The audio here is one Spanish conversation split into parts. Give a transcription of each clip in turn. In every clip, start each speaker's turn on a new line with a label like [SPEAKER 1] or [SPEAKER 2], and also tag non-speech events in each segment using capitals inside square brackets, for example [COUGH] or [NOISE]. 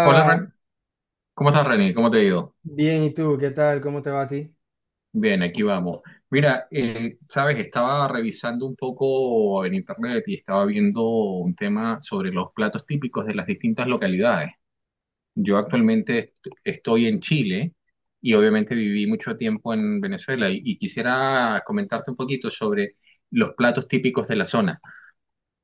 [SPEAKER 1] Hola, Ren. ¿Cómo estás, René? ¿Cómo te ha ido?
[SPEAKER 2] bien, ¿y tú? ¿Qué tal? ¿Cómo te va a ti?
[SPEAKER 1] Bien, aquí vamos. Mira, sabes, estaba revisando un poco en internet y estaba viendo un tema sobre los platos típicos de las distintas localidades. Yo actualmente estoy en Chile y obviamente viví mucho tiempo en Venezuela y quisiera comentarte un poquito sobre los platos típicos de la zona.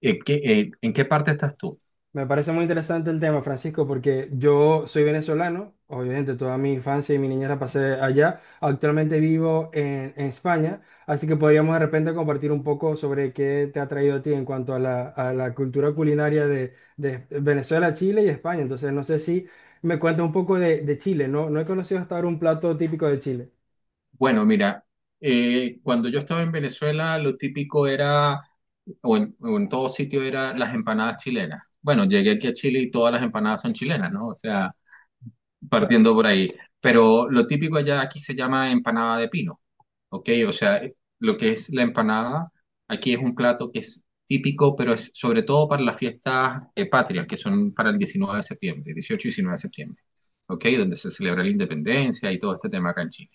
[SPEAKER 1] ¿en qué parte estás tú?
[SPEAKER 2] Me parece muy interesante el tema, Francisco, porque yo soy venezolano, obviamente toda mi infancia y mi niñez la pasé allá, actualmente vivo en España, así que podríamos de repente compartir un poco sobre qué te ha traído a ti en cuanto a la cultura culinaria de Venezuela, Chile y España. Entonces, no sé si me cuentas un poco de Chile, ¿no? No he conocido hasta ahora un plato típico de Chile.
[SPEAKER 1] Bueno, mira, cuando yo estaba en Venezuela, lo típico era, o en todo sitio, era las empanadas chilenas. Bueno, llegué aquí a Chile y todas las empanadas son chilenas, ¿no? O sea,
[SPEAKER 2] Claro,
[SPEAKER 1] partiendo por ahí. Pero lo típico allá aquí se llama empanada de pino, ¿ok? O sea, lo que es la empanada, aquí es un plato que es típico, pero es sobre todo para las fiestas patrias, que son para el 19 de septiembre, 18 y 19 de septiembre, ¿ok? Donde se celebra la independencia y todo este tema acá en Chile.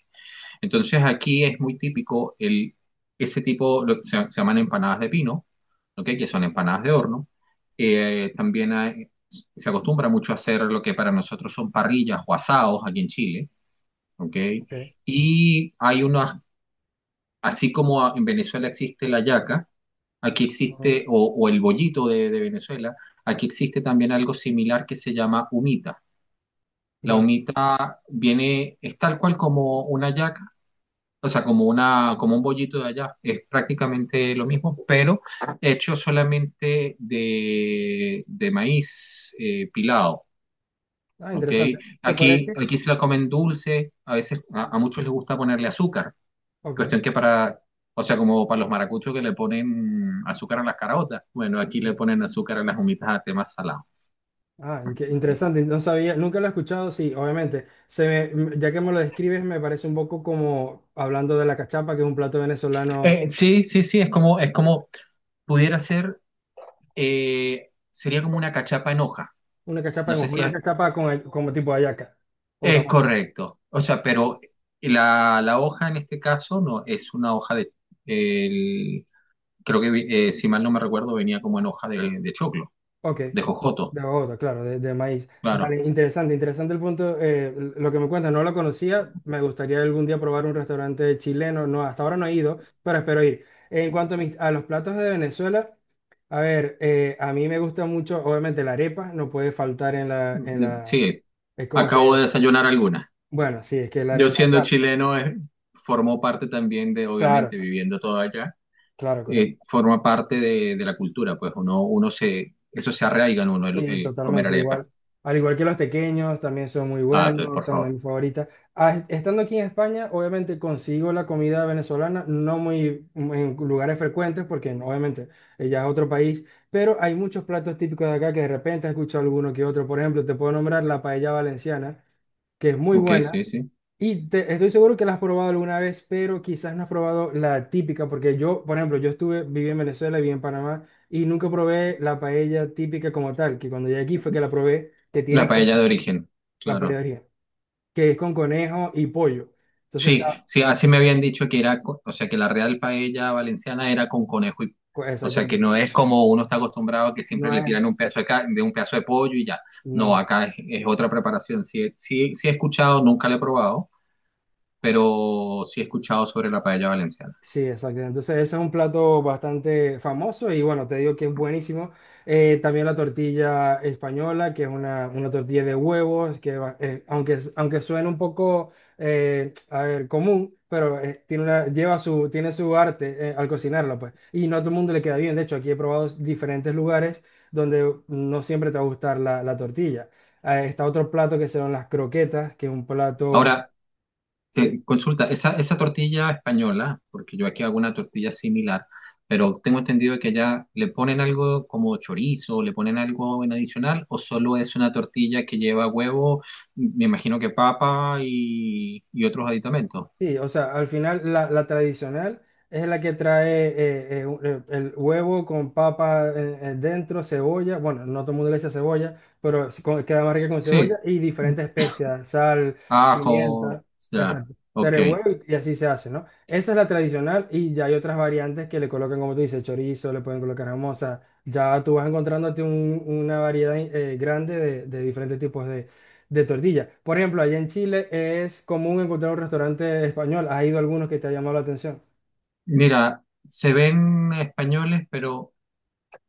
[SPEAKER 1] Entonces aquí es muy típico el, ese tipo, lo que se llaman empanadas de pino, ¿ok? Que son empanadas de horno. Se acostumbra mucho a hacer lo que para nosotros son parrillas o asados aquí en Chile. ¿Ok?
[SPEAKER 2] ok.
[SPEAKER 1] Y hay unas, así como en Venezuela existe la yaca, aquí
[SPEAKER 2] Ujú.
[SPEAKER 1] existe, o el bollito de Venezuela, aquí existe también algo similar que se llama humita. La
[SPEAKER 2] Vale.
[SPEAKER 1] humita viene, es tal cual como una yaca, o sea, como una, como un bollito de allá. Es prácticamente lo mismo, pero hecho solamente de maíz pilado.
[SPEAKER 2] Ah,
[SPEAKER 1] ¿Ok?
[SPEAKER 2] interesante. ¿Se puede
[SPEAKER 1] Aquí,
[SPEAKER 2] decir?
[SPEAKER 1] aquí se la comen dulce, a veces a muchos les gusta ponerle azúcar.
[SPEAKER 2] Ok.
[SPEAKER 1] Cuestión que para, o sea, como para los maracuchos que le ponen azúcar a las caraotas. Bueno, aquí le
[SPEAKER 2] Ujú.
[SPEAKER 1] ponen azúcar a las humitas a temas salados.
[SPEAKER 2] Ah, qué
[SPEAKER 1] ¿Ok?
[SPEAKER 2] interesante, no sabía, nunca lo he escuchado, sí, obviamente. Ya que me lo describes, me parece un poco como hablando de la cachapa, que es un plato venezolano,
[SPEAKER 1] Sí, sí, sí, es como pudiera ser, sería como una cachapa en hoja.
[SPEAKER 2] una cachapa
[SPEAKER 1] No
[SPEAKER 2] en
[SPEAKER 1] sé
[SPEAKER 2] hoja,
[SPEAKER 1] si
[SPEAKER 2] una
[SPEAKER 1] has.
[SPEAKER 2] cachapa con, como tipo hallaca o
[SPEAKER 1] Es
[SPEAKER 2] tamal.
[SPEAKER 1] correcto. O sea, pero la hoja en este caso no es una hoja de. el- Creo que, si mal no me recuerdo, venía como en hoja de choclo,
[SPEAKER 2] Ok,
[SPEAKER 1] de jojoto,
[SPEAKER 2] de Bogotá, claro, de maíz.
[SPEAKER 1] claro.
[SPEAKER 2] Vale, interesante, interesante el punto, lo que me cuentas, no lo conocía, me gustaría algún día probar un restaurante chileno, no, hasta ahora no he ido, pero espero ir. En cuanto a, a los platos de Venezuela, a ver, a mí me gusta mucho, obviamente la arepa no puede faltar en la, en
[SPEAKER 1] Mm,
[SPEAKER 2] la,
[SPEAKER 1] sí,
[SPEAKER 2] es como
[SPEAKER 1] acabo de
[SPEAKER 2] que,
[SPEAKER 1] desayunar alguna.
[SPEAKER 2] bueno, sí, es que la
[SPEAKER 1] Yo
[SPEAKER 2] arepa,
[SPEAKER 1] siendo
[SPEAKER 2] claro,
[SPEAKER 1] chileno, formó parte también de,
[SPEAKER 2] claro,
[SPEAKER 1] obviamente, viviendo todo allá,
[SPEAKER 2] claro, correcto.
[SPEAKER 1] forma parte de la cultura, pues uno, uno se. Eso se arraiga en uno, el,
[SPEAKER 2] Sí,
[SPEAKER 1] el comer
[SPEAKER 2] totalmente
[SPEAKER 1] arepa.
[SPEAKER 2] igual. Al igual que los tequeños, también son muy
[SPEAKER 1] Ah, pues,
[SPEAKER 2] buenos,
[SPEAKER 1] por
[SPEAKER 2] son una de
[SPEAKER 1] favor.
[SPEAKER 2] mis favoritas. Ah, estando aquí en España, obviamente consigo la comida venezolana, no muy muy en lugares frecuentes, porque no, obviamente ya es otro país, pero hay muchos platos típicos de acá que de repente he escuchado alguno que otro. Por ejemplo, te puedo nombrar la paella valenciana, que es muy
[SPEAKER 1] Ok,
[SPEAKER 2] buena.
[SPEAKER 1] sí, sí.
[SPEAKER 2] Estoy seguro que la has probado alguna vez, pero quizás no has probado la típica, porque yo, por ejemplo, yo estuve, viví en Venezuela, viví en Panamá, y nunca probé la paella típica como tal, que cuando llegué aquí fue que la probé, que
[SPEAKER 1] La
[SPEAKER 2] tiene
[SPEAKER 1] paella de
[SPEAKER 2] conejo,
[SPEAKER 1] origen,
[SPEAKER 2] la
[SPEAKER 1] claro.
[SPEAKER 2] paella que es con conejo y pollo. Entonces
[SPEAKER 1] Sí,
[SPEAKER 2] está,
[SPEAKER 1] sí, así me habían dicho que era, o sea, que la real paella valenciana era con conejo y, o sea, que
[SPEAKER 2] exactamente,
[SPEAKER 1] no es como uno está acostumbrado a que siempre
[SPEAKER 2] no
[SPEAKER 1] le tiran
[SPEAKER 2] es,
[SPEAKER 1] un pedazo de un pedazo de pollo y ya. No,
[SPEAKER 2] no.
[SPEAKER 1] acá es otra preparación. Sí, sí, sí he escuchado, nunca la he probado, pero sí he escuchado sobre la paella valenciana.
[SPEAKER 2] Sí, exacto. Entonces ese es un plato bastante famoso y bueno, te digo que es buenísimo. También la tortilla española, que es una tortilla de huevos, aunque, aunque suene un poco a ver, común, pero tiene una, lleva su, tiene su arte al cocinarla, pues. Y no a todo el mundo le queda bien. De hecho, aquí he probado diferentes lugares donde no siempre te va a gustar la, la tortilla. Está otro plato que son las croquetas, que es un plato...
[SPEAKER 1] Ahora,
[SPEAKER 2] ¿Sí?
[SPEAKER 1] Consulta, esa tortilla española, porque yo aquí hago una tortilla similar, pero tengo entendido que allá le ponen algo como chorizo, le ponen algo en adicional, o solo es una tortilla que lleva huevo, me imagino que papa y otros aditamentos.
[SPEAKER 2] Sí, o sea, al final la, la tradicional es la que trae el huevo con papa dentro, cebolla, bueno, no todo el mundo le echa cebolla, pero es queda más rica con cebolla
[SPEAKER 1] Sí,
[SPEAKER 2] y diferentes especias, sal,
[SPEAKER 1] ajo,
[SPEAKER 2] pimienta,
[SPEAKER 1] ya,
[SPEAKER 2] exacto,
[SPEAKER 1] ok.
[SPEAKER 2] huevo y así se hace, ¿no? Esa es la tradicional y ya hay otras variantes que le colocan, como tú dices, chorizo, le pueden colocar jamón, o sea, ya tú vas encontrándote una variedad grande de diferentes tipos de tortilla. Por ejemplo, allá en Chile es común encontrar un restaurante español. ¿Has ido a algunos que te ha llamado la atención?
[SPEAKER 1] Mira, se ven españoles, pero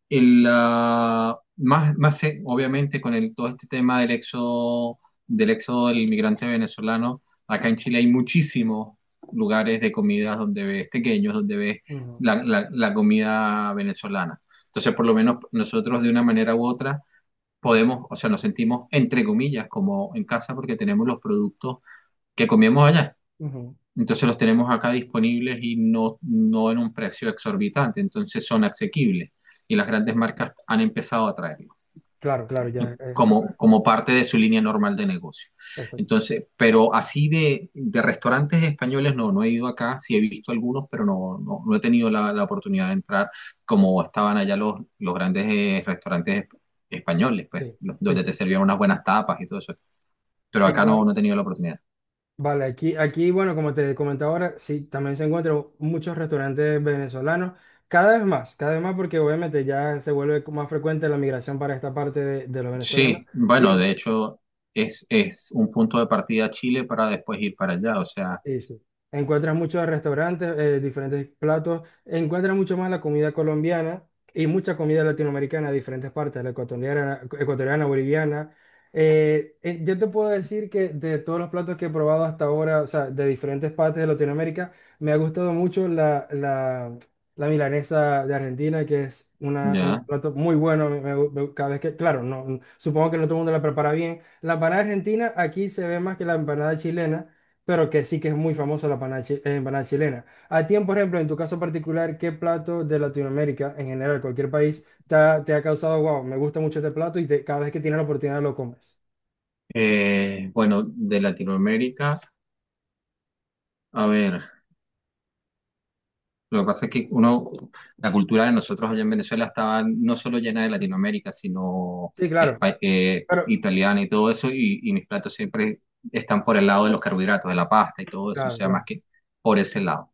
[SPEAKER 1] Más obviamente con el, todo este tema del éxodo, del éxodo del inmigrante venezolano, acá en Chile hay muchísimos lugares de comidas donde ves pequeños, donde ves
[SPEAKER 2] Ujú,
[SPEAKER 1] la comida venezolana. Entonces, por lo menos nosotros de una manera u otra podemos, o sea, nos sentimos entre comillas como en casa porque tenemos los productos que comemos allá.
[SPEAKER 2] ujú.
[SPEAKER 1] Entonces los tenemos acá disponibles y no, no en un precio exorbitante, entonces son asequibles y las grandes marcas han empezado a traerlos
[SPEAKER 2] Claro, claro, ya.
[SPEAKER 1] como, como parte de su línea normal de negocio.
[SPEAKER 2] Eso,
[SPEAKER 1] Entonces, pero así de restaurantes españoles no, no he ido acá, sí he visto algunos, pero no, no, no he tenido la oportunidad de entrar como estaban allá los grandes restaurantes españoles, pues,
[SPEAKER 2] Sí, sí,
[SPEAKER 1] donde
[SPEAKER 2] sí.
[SPEAKER 1] te servían unas buenas tapas y todo eso. Pero acá no,
[SPEAKER 2] Igual,
[SPEAKER 1] no he tenido la oportunidad.
[SPEAKER 2] vale, aquí, aquí, bueno, como te comentaba ahora, sí, también se encuentran muchos restaurantes venezolanos. Cada vez más, porque obviamente ya se vuelve más frecuente la migración para esta parte de los venezolanos.
[SPEAKER 1] Sí, bueno,
[SPEAKER 2] Y,
[SPEAKER 1] de hecho es un punto de partida Chile para después ir para allá, o sea,
[SPEAKER 2] sí, sí. Encuentras muchos restaurantes, diferentes platos, encuentras mucho más la comida colombiana y mucha comida latinoamericana de diferentes partes, la ecuatoriana, ecuatoriana, boliviana. Yo te puedo decir que de todos los platos que he probado hasta ahora, o sea, de diferentes partes de Latinoamérica, me ha gustado mucho la, la, la milanesa de Argentina, que es una, un
[SPEAKER 1] ya.
[SPEAKER 2] plato muy bueno. Cada vez que, claro, no, supongo que no todo el mundo la prepara bien. La empanada argentina aquí se ve más que la empanada chilena pero que sí que es muy famoso la empanada, empanada chilena. A ti, por ejemplo, en tu caso particular, ¿qué plato de Latinoamérica, en general, cualquier país, te ha causado, wow, me gusta mucho este plato y cada vez que tienes la oportunidad lo comes?
[SPEAKER 1] Bueno, de Latinoamérica, a ver. Lo que pasa es que uno, la cultura de nosotros allá en Venezuela estaba no solo llena de Latinoamérica, sino
[SPEAKER 2] Sí, claro, pero,
[SPEAKER 1] italiana y todo eso, y mis platos siempre están por el lado de los carbohidratos, de la pasta y todo eso, o
[SPEAKER 2] claro,
[SPEAKER 1] sea, más
[SPEAKER 2] claro.
[SPEAKER 1] que por ese lado.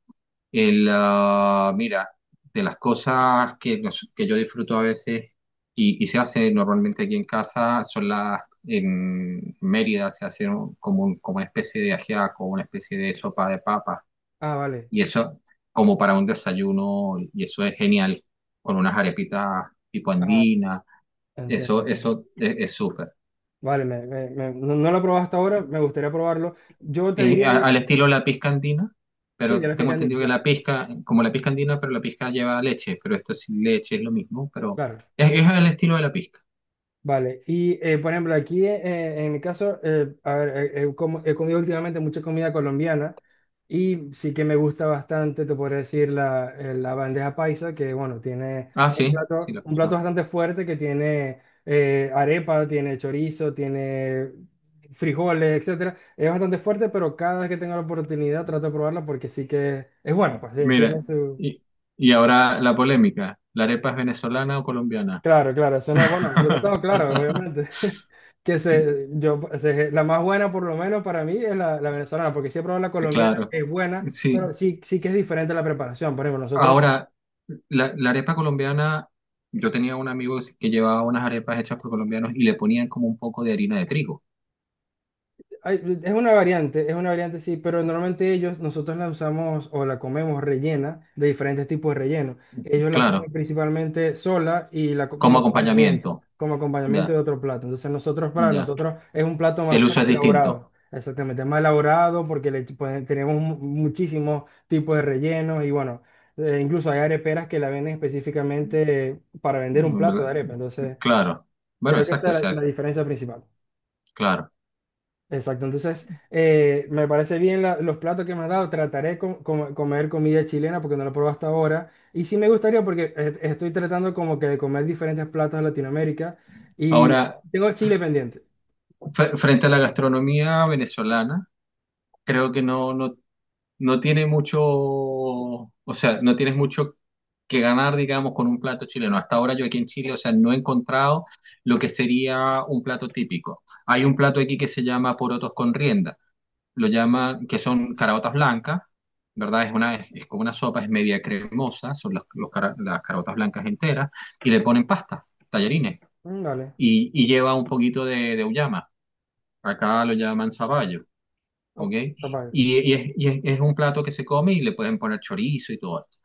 [SPEAKER 1] Mira, de las cosas que, que yo disfruto a veces y se hace normalmente aquí en casa son las, en Mérida se hace como una especie de ajiaco, una especie de sopa de papas
[SPEAKER 2] Ah, vale,
[SPEAKER 1] y eso como para un desayuno, y eso es genial, con unas arepitas tipo
[SPEAKER 2] ah,
[SPEAKER 1] andina,
[SPEAKER 2] entiendo.
[SPEAKER 1] eso,
[SPEAKER 2] Entiendo.
[SPEAKER 1] eso es súper.
[SPEAKER 2] Vale, no, no lo he probado hasta ahora, me gustaría probarlo. Yo te
[SPEAKER 1] Es
[SPEAKER 2] diría, que-
[SPEAKER 1] al estilo la pizca andina,
[SPEAKER 2] sí, de
[SPEAKER 1] pero
[SPEAKER 2] la
[SPEAKER 1] tengo
[SPEAKER 2] picandina,
[SPEAKER 1] entendido que
[SPEAKER 2] claro,
[SPEAKER 1] la pizca, como la pizca andina, pero la pizca lleva leche, pero esto sin leche es lo mismo, pero
[SPEAKER 2] claro.
[SPEAKER 1] es al estilo de la pizca.
[SPEAKER 2] Vale, y por ejemplo, aquí en mi caso, a ver, como- he comido últimamente mucha comida colombiana y sí que me gusta bastante, te podría decir, la, la bandeja paisa, que bueno, tiene
[SPEAKER 1] Ah, sí, sí, lo he
[SPEAKER 2] un plato
[SPEAKER 1] escuchado.
[SPEAKER 2] bastante fuerte que tiene arepa, tiene chorizo, tiene frijoles, etcétera. Es bastante fuerte, pero cada vez que tengo la oportunidad trato de probarla porque sí que es bueno, pues
[SPEAKER 1] Mira,
[SPEAKER 2] tiene su...
[SPEAKER 1] y, y ahora la polémica, ¿la arepa es venezolana o colombiana?
[SPEAKER 2] Claro, claro, eso es bueno, yo lo tengo claro, obviamente. [LAUGHS] Que se, yo, se- La más buena, por lo menos para mí, es la, la venezolana, porque siempre la colombiana
[SPEAKER 1] Claro,
[SPEAKER 2] es buena, pero
[SPEAKER 1] sí.
[SPEAKER 2] sí, sí que es diferente la preparación. Por ejemplo, nosotros
[SPEAKER 1] Ahora, la arepa colombiana, yo tenía un amigo que llevaba unas arepas hechas por colombianos y le ponían como un poco de harina de trigo,
[SPEAKER 2] ay, es una variante, sí, pero normalmente ellos, nosotros la usamos o la comemos rellena de diferentes tipos de relleno. Ellos la comen
[SPEAKER 1] claro,
[SPEAKER 2] principalmente sola y
[SPEAKER 1] como acompañamiento,
[SPEAKER 2] como acompañamiento de
[SPEAKER 1] ya,
[SPEAKER 2] otro plato. Entonces nosotros, para
[SPEAKER 1] ya.
[SPEAKER 2] nosotros, es un plato más
[SPEAKER 1] El uso es distinto,
[SPEAKER 2] elaborado. Exactamente, es más elaborado porque tenemos muchísimos tipos de rellenos y bueno, incluso hay areperas que la venden específicamente para vender un plato de
[SPEAKER 1] ¿verdad?
[SPEAKER 2] arepa. Entonces,
[SPEAKER 1] Claro, bueno,
[SPEAKER 2] creo que
[SPEAKER 1] exacto, o
[SPEAKER 2] esa es la
[SPEAKER 1] sea,
[SPEAKER 2] la diferencia principal.
[SPEAKER 1] claro.
[SPEAKER 2] Exacto, entonces me parece bien los platos que me has dado. Trataré de comer comida chilena porque no lo he probado hasta ahora. Y sí me gustaría porque estoy tratando como que de comer diferentes platos de Latinoamérica y
[SPEAKER 1] Ahora,
[SPEAKER 2] tengo Chile pendiente.
[SPEAKER 1] frente a la gastronomía venezolana, creo que no tiene mucho, o sea, no tienes mucho que ganar, digamos, con un plato chileno. Hasta ahora yo aquí en Chile, o sea, no he encontrado lo que sería un plato típico. Hay un plato aquí que se llama porotos con rienda, lo
[SPEAKER 2] Ok.
[SPEAKER 1] llaman, que son caraotas blancas, ¿verdad? Es una, es, como una sopa, es media cremosa, son las caraotas blancas enteras, y le ponen pasta, tallarines,
[SPEAKER 2] Mm, vale.
[SPEAKER 1] y lleva
[SPEAKER 2] Interesante.
[SPEAKER 1] un poquito de auyama. Acá lo llaman zapallo. ¿Ok?
[SPEAKER 2] Oh, zapallo.
[SPEAKER 1] Es un plato que se come y le pueden poner chorizo y todo esto.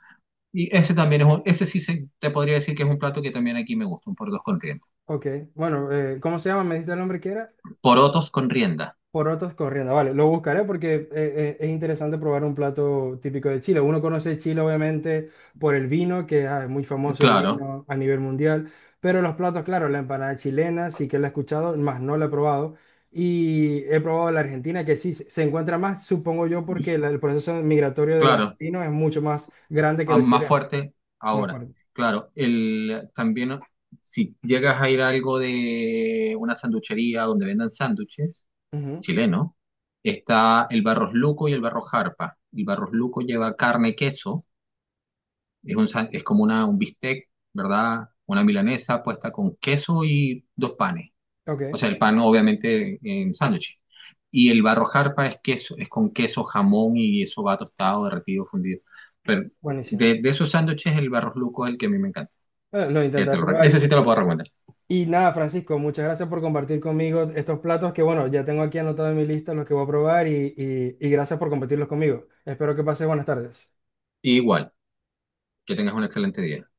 [SPEAKER 1] Y ese también ese sí te podría decir que es un plato que también aquí me gusta, un porotos con rienda.
[SPEAKER 2] Ok, bueno, ¿cómo se llama? ¿Me diste el nombre que era?
[SPEAKER 1] Porotos con rienda,
[SPEAKER 2] Porotos corriendo, vale, lo buscaré porque es interesante probar un plato típico de Chile. Uno conoce Chile obviamente por el vino, que ah, es muy famoso el
[SPEAKER 1] claro,
[SPEAKER 2] vino a nivel mundial, pero los platos, claro, la empanada chilena sí que la he escuchado, más no la he probado. Y he probado la argentina, que sí se se encuentra más, supongo yo, porque
[SPEAKER 1] y-
[SPEAKER 2] el proceso migratorio de los
[SPEAKER 1] claro,
[SPEAKER 2] argentinos es mucho más grande que
[SPEAKER 1] ah,
[SPEAKER 2] los
[SPEAKER 1] más
[SPEAKER 2] chilenos,
[SPEAKER 1] fuerte
[SPEAKER 2] más
[SPEAKER 1] ahora.
[SPEAKER 2] fuerte.
[SPEAKER 1] Claro, también si llegas a ir a algo de una sanduchería donde vendan sándwiches,
[SPEAKER 2] Ujú,
[SPEAKER 1] chileno, está el Barros Luco y el Barros Jarpa. El Barros Luco lleva carne, queso. Es como una, un bistec, ¿verdad? Una milanesa puesta con queso y dos panes.
[SPEAKER 2] ok,
[SPEAKER 1] O sea, el pan obviamente en sándwich. Y el barrojarpa es queso, es con queso, jamón y eso va tostado, derretido, fundido. Pero
[SPEAKER 2] buenísimo.
[SPEAKER 1] de esos sándwiches, el barros luco es el que a mí me encanta.
[SPEAKER 2] Lo
[SPEAKER 1] Que te
[SPEAKER 2] intentaré
[SPEAKER 1] lo, re-
[SPEAKER 2] probar.
[SPEAKER 1] Ese sí te lo puedo recomendar.
[SPEAKER 2] Y nada, Francisco, muchas gracias por compartir conmigo estos platos que, bueno, ya tengo aquí anotado en mi lista los que voy a probar y, y gracias por compartirlos conmigo. Espero que pases buenas tardes.
[SPEAKER 1] Igual, que tengas un excelente día.